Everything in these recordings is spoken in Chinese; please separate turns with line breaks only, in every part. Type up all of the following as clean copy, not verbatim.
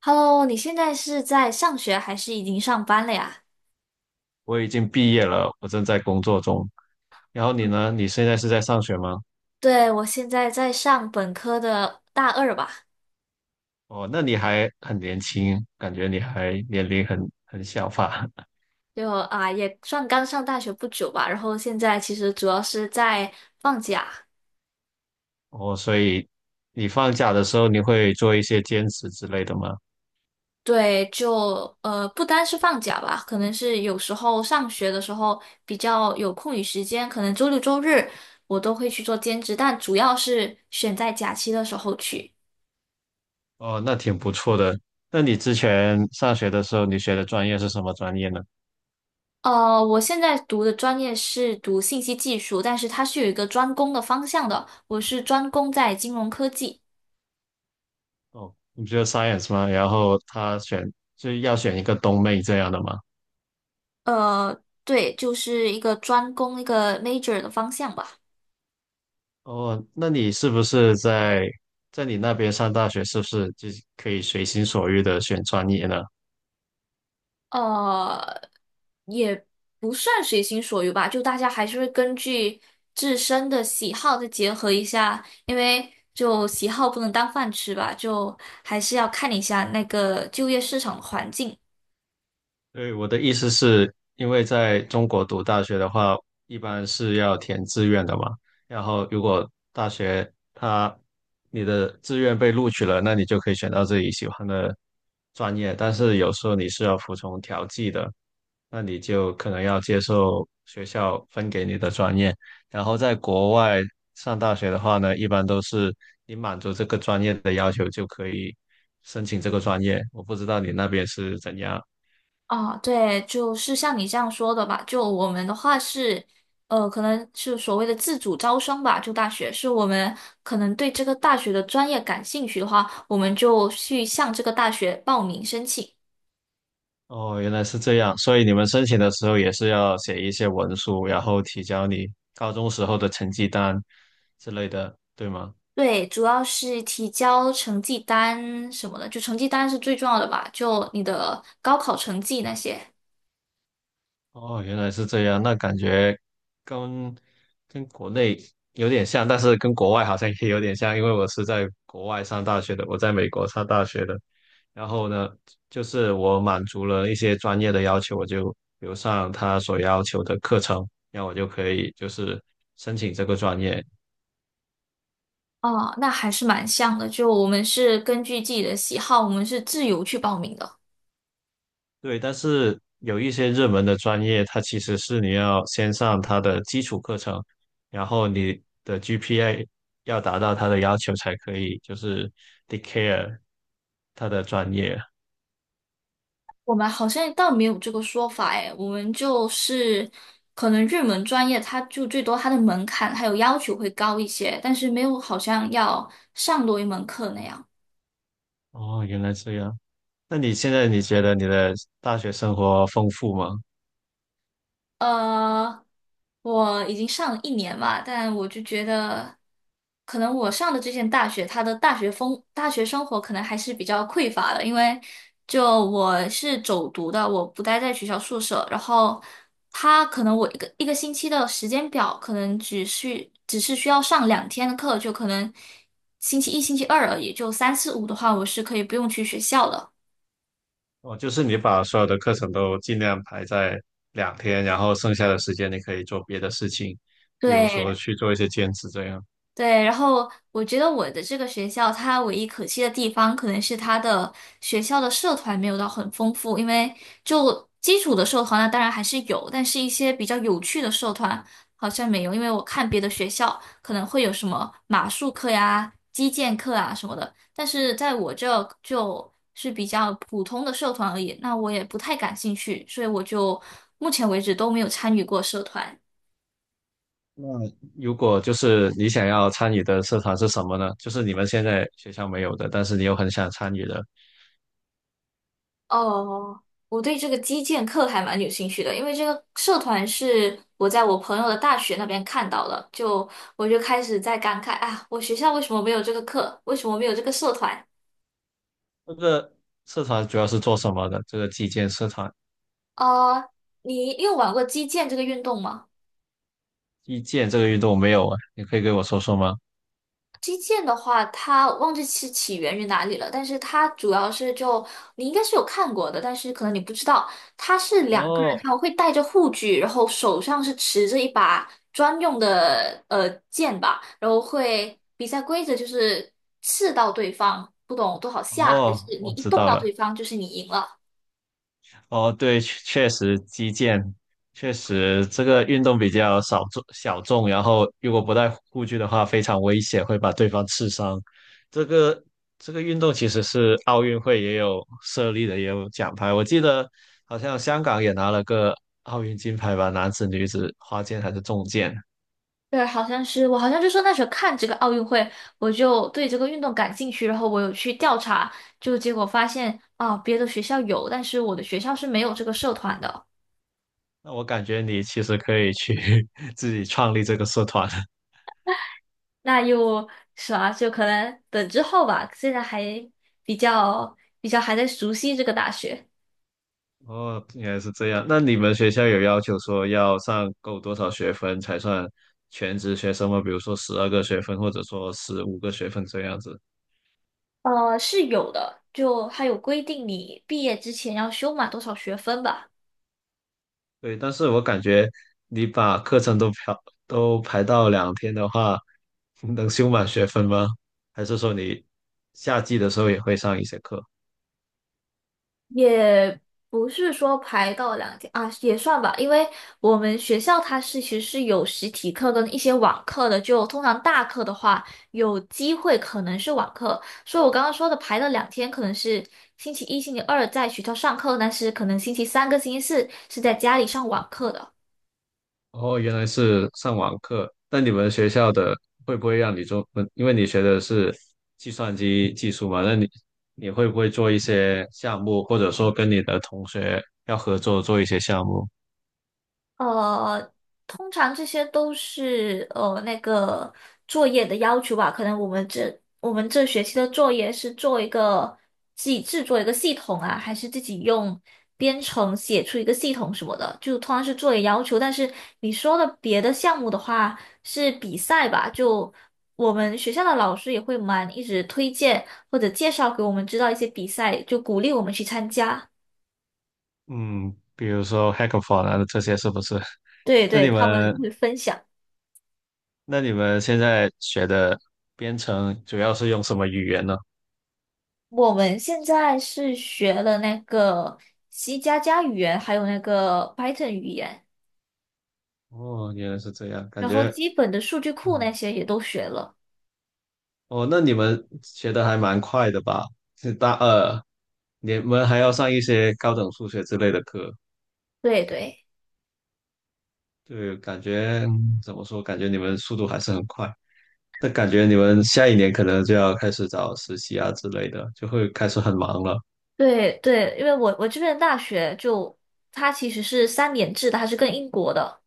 Hello，你现在是在上学还是已经上班了呀？
我已经毕业了，我正在工作中。然后你呢？你现在是在上学吗？
对，我现在在上本科的大二吧，
哦，那你还很年轻，感觉你还年龄很小吧？
就啊也算刚上大学不久吧。然后现在其实主要是在放假，
哦，所以你放假的时候你会做一些兼职之类的吗？
对，就不单是放假吧，可能是有时候上学的时候比较有空余时间，可能周六周日我都会去做兼职，但主要是选在假期的时候去。
哦，那挺不错的。那你之前上学的时候，你学的专业是什么专业呢？
我现在读的专业是读信息技术，但是它是有一个专攻的方向的。我是专攻在金融科技，
哦，你不就 science 吗？然后他选就要选一个东妹这样的吗？
对，就是一个专攻一个 major 的方向吧。
哦，那你是不是在在你那边上大学，是不是就可以随心所欲的选专业呢？
呃，也不算随心所欲吧，就大家还是会根据自身的喜好再结合一下，因为就喜好不能当饭吃吧，就还是要看一下那个就业市场的环境。
对，我的意思是，因为在中国读大学的话，一般是要填志愿的嘛。然后如果大学它你的志愿被录取了，那你就可以选到自己喜欢的专业。但是有时候你是要服从调剂的，那你就可能要接受学校分给你的专业。然后在国外上大学的话呢，一般都是你满足这个专业的要求就可以申请这个专业。我不知道你那边是怎样。
啊，对，就是像你这样说的吧。就我们的话是，可能是所谓的自主招生吧。就大学是我们可能对这个大学的专业感兴趣的话，我们就去向这个大学报名申请。
哦，原来是这样，所以你们申请的时候也是要写一些文书，然后提交你高中时候的成绩单之类的，对吗？
对，主要是提交成绩单什么的，就成绩单是最重要的吧。就你的高考成绩那些。
哦，原来是这样，那感觉跟跟国内有点像，但是跟国外好像也有点像，因为我是在国外上大学的，我在美国上大学的。然后呢，就是我满足了一些专业的要求，我就留上他所要求的课程，那我就可以就是申请这个专业。
哦，那还是蛮像的。就我们是根据自己的喜好，我们是自由去报名的。
对，但是有一些热门的专业，它其实是你要先上它的基础课程，然后你的 GPA 要达到它的要求才可以，就是 declare 它的专业。
我们好像倒没有这个说法哎，我们就是可能热门专业，它就最多它的门槛还有要求会高一些，但是没有好像要上多一门课那样。
哦，原来这样。那你现在你觉得你的大学生活丰富吗？
呃，我已经上了一年吧，但我就觉得，可能我上的这间大学，它的大学风、大学生活可能还是比较匮乏的，因为就我是走读的，我不待在学校宿舍，然后他可能我一个一个星期的时间表，可能只是需要上两天的课，就可能星期一、星期二而已，就三四五的话，我是可以不用去学校的。
哦，就是你把所有的课程都尽量排在两天，然后剩下的时间你可以做别的事情，比如说
对，
去做一些兼职这样。
对，然后我觉得我的这个学校，它唯一可惜的地方，可能是它的学校的社团没有到很丰富，因为就基础的社团呢，当然还是有，但是一些比较有趣的社团好像没有，因为我看别的学校可能会有什么马术课呀、击剑课啊什么的，但是在我这就是比较普通的社团而已，那我也不太感兴趣，所以我就目前为止都没有参与过社团。
那如果就是你想要参与的社团是什么呢？就是你们现在学校没有的，但是你又很想参与的，
哦，我对这个击剑课还蛮有兴趣的，因为这个社团是我在我朋友的大学那边看到的，就我就开始在感慨啊，我学校为什么没有这个课，为什么没有这个社团？
这个社团主要是做什么的？这个击剑社团，
呃，你有玩过击剑这个运动吗？
击剑这个运动没有啊，你可以给我说说吗？
击剑的话，它忘记是起源于哪里了，但是它主要是就你应该是有看过的，但是可能你不知道，它是2个人，
哦
他们会带着护具，然后手上是持着一把专用的剑吧，然后会比赛规则就是刺到对方，不懂多少下，还是
哦，
你
我
一
知
动
道
到
了。
对方就是你赢了。
哦，对，确实击剑，确实这个运动比较少众小众，然后如果不带护具的话，非常危险，会把对方刺伤。这个这个运动其实是奥运会也有设立的，也有奖牌。我记得好像香港也拿了个奥运金牌吧，男子、女子花剑还是重剑。
对，好像是我好像就说那时候看这个奥运会，我就对这个运动感兴趣，然后我有去调查，就结果发现啊，别的学校有，但是我的学校是没有这个社团的。
那我感觉你其实可以去 自己创立这个社团。
那又是吧，就可能等之后吧，现在还比较比较还在熟悉这个大学。
哦，原来是这样。那你们学校有要求说要上够多少学分才算全职学生吗？比如说12个学分，或者说15个学分这样子？
是有的，就还有规定你毕业之前要修满多少学分吧。
对，但是我感觉你把课程都排到两天的话，能修满学分吗？还是说你夏季的时候也会上一些课？
也不是说排到两天啊，也算吧，因为我们学校它是其实是有实体课跟一些网课的，就通常大课的话有机会可能是网课，所以我刚刚说的排了两天，可能是星期一、星期二在学校上课，但是可能星期三跟星期四是在家里上网课的。
哦，原来是上网课。那你们学校的会不会让你做？嗯因为你学的是计算机技术嘛，那你会不会做一些项目，或者说跟你的同学要合作做一些项目？
呃，通常这些都是那个作业的要求吧。可能我们这学期的作业是做一个自己制作一个系统啊，还是自己用编程写出一个系统什么的，就通常是作业要求。但是你说的别的项目的话是比赛吧，就我们学校的老师也会蛮一直推荐或者介绍给我们知道一些比赛，就鼓励我们去参加。
嗯，比如说 hackathon 啊，这些是不是？
对
那
对，
你
他们
们
会分享。
那你们现在学的编程主要是用什么语言呢？
我们现在是学了那个 C++语言，还有那个 Python 语言，
哦，原来是这样，感
然后
觉
基本的数据库
嗯
那些也都学了。
哦，那你们学的还蛮快的吧？是大二，你们还要上一些高等数学之类的课，
对对
对，感觉怎么说？感觉你们速度还是很快。那感觉你们下一年可能就要开始找实习啊之类的，就会开始很忙了。
对对，因为我这边的大学就它其实是三年制的，它是跟英国的，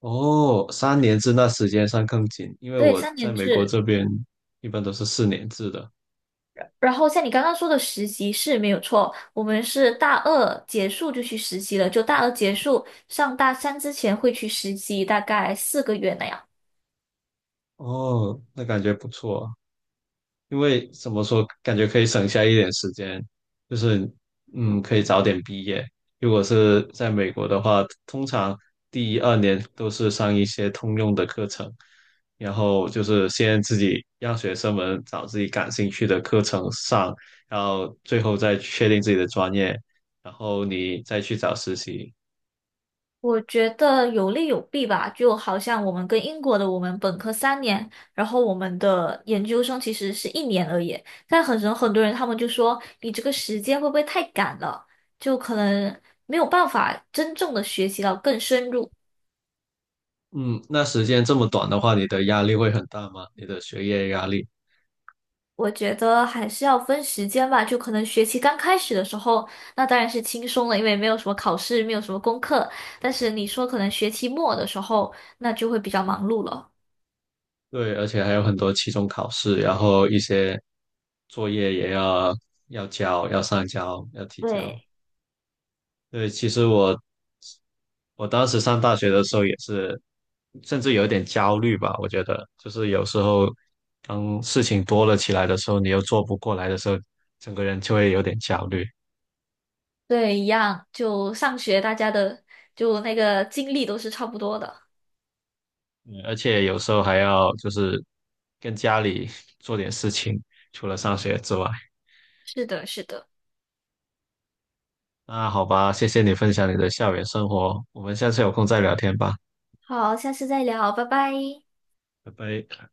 哦，3年制那时间上更紧，因为
对，
我
三
在
年
美国
制。
这边一般都是4年制的。
然后像你刚刚说的实习是没有错，我们是大二结束就去实习了，就大二结束上大三之前会去实习，大概4个月那样。
哦，那感觉不错。因为怎么说，感觉可以省下一点时间，就是可以早点毕业。如果是在美国的话，通常第一二年都是上一些通用的课程，然后就是先自己让学生们找自己感兴趣的课程上，然后最后再确定自己的专业，然后你再去找实习。
我觉得有利有弊吧，就好像我们跟英国的，我们本科三年，然后我们的研究生其实是一年而已。但很多很多人他们就说，你这个时间会不会太赶了？就可能没有办法真正的学习到更深入。
嗯，那时间这么短的话，你的压力会很大吗？你的学业压力？
我觉得还是要分时间吧，就可能学期刚开始的时候，那当然是轻松了，因为没有什么考试，没有什么功课。但是你说可能学期末的时候，那就会比较忙碌了。
对，而且还有很多期中考试，然后一些作业也要要交，要上交，要提交。
对。
对，其实我当时上大学的时候也是，甚至有一点焦虑吧。我觉得就是有时候当事情多了起来的时候，你又做不过来的时候，整个人就会有点焦虑。
对，一样，就上学大家的就那个经历都是差不多的。
嗯，而且有时候还要就是跟家里做点事情，除了上学之外。
是的，是的。
那好吧，谢谢你分享你的校园生活，我们下次有空再聊天吧，
好，下次再聊，拜拜。
拜拜。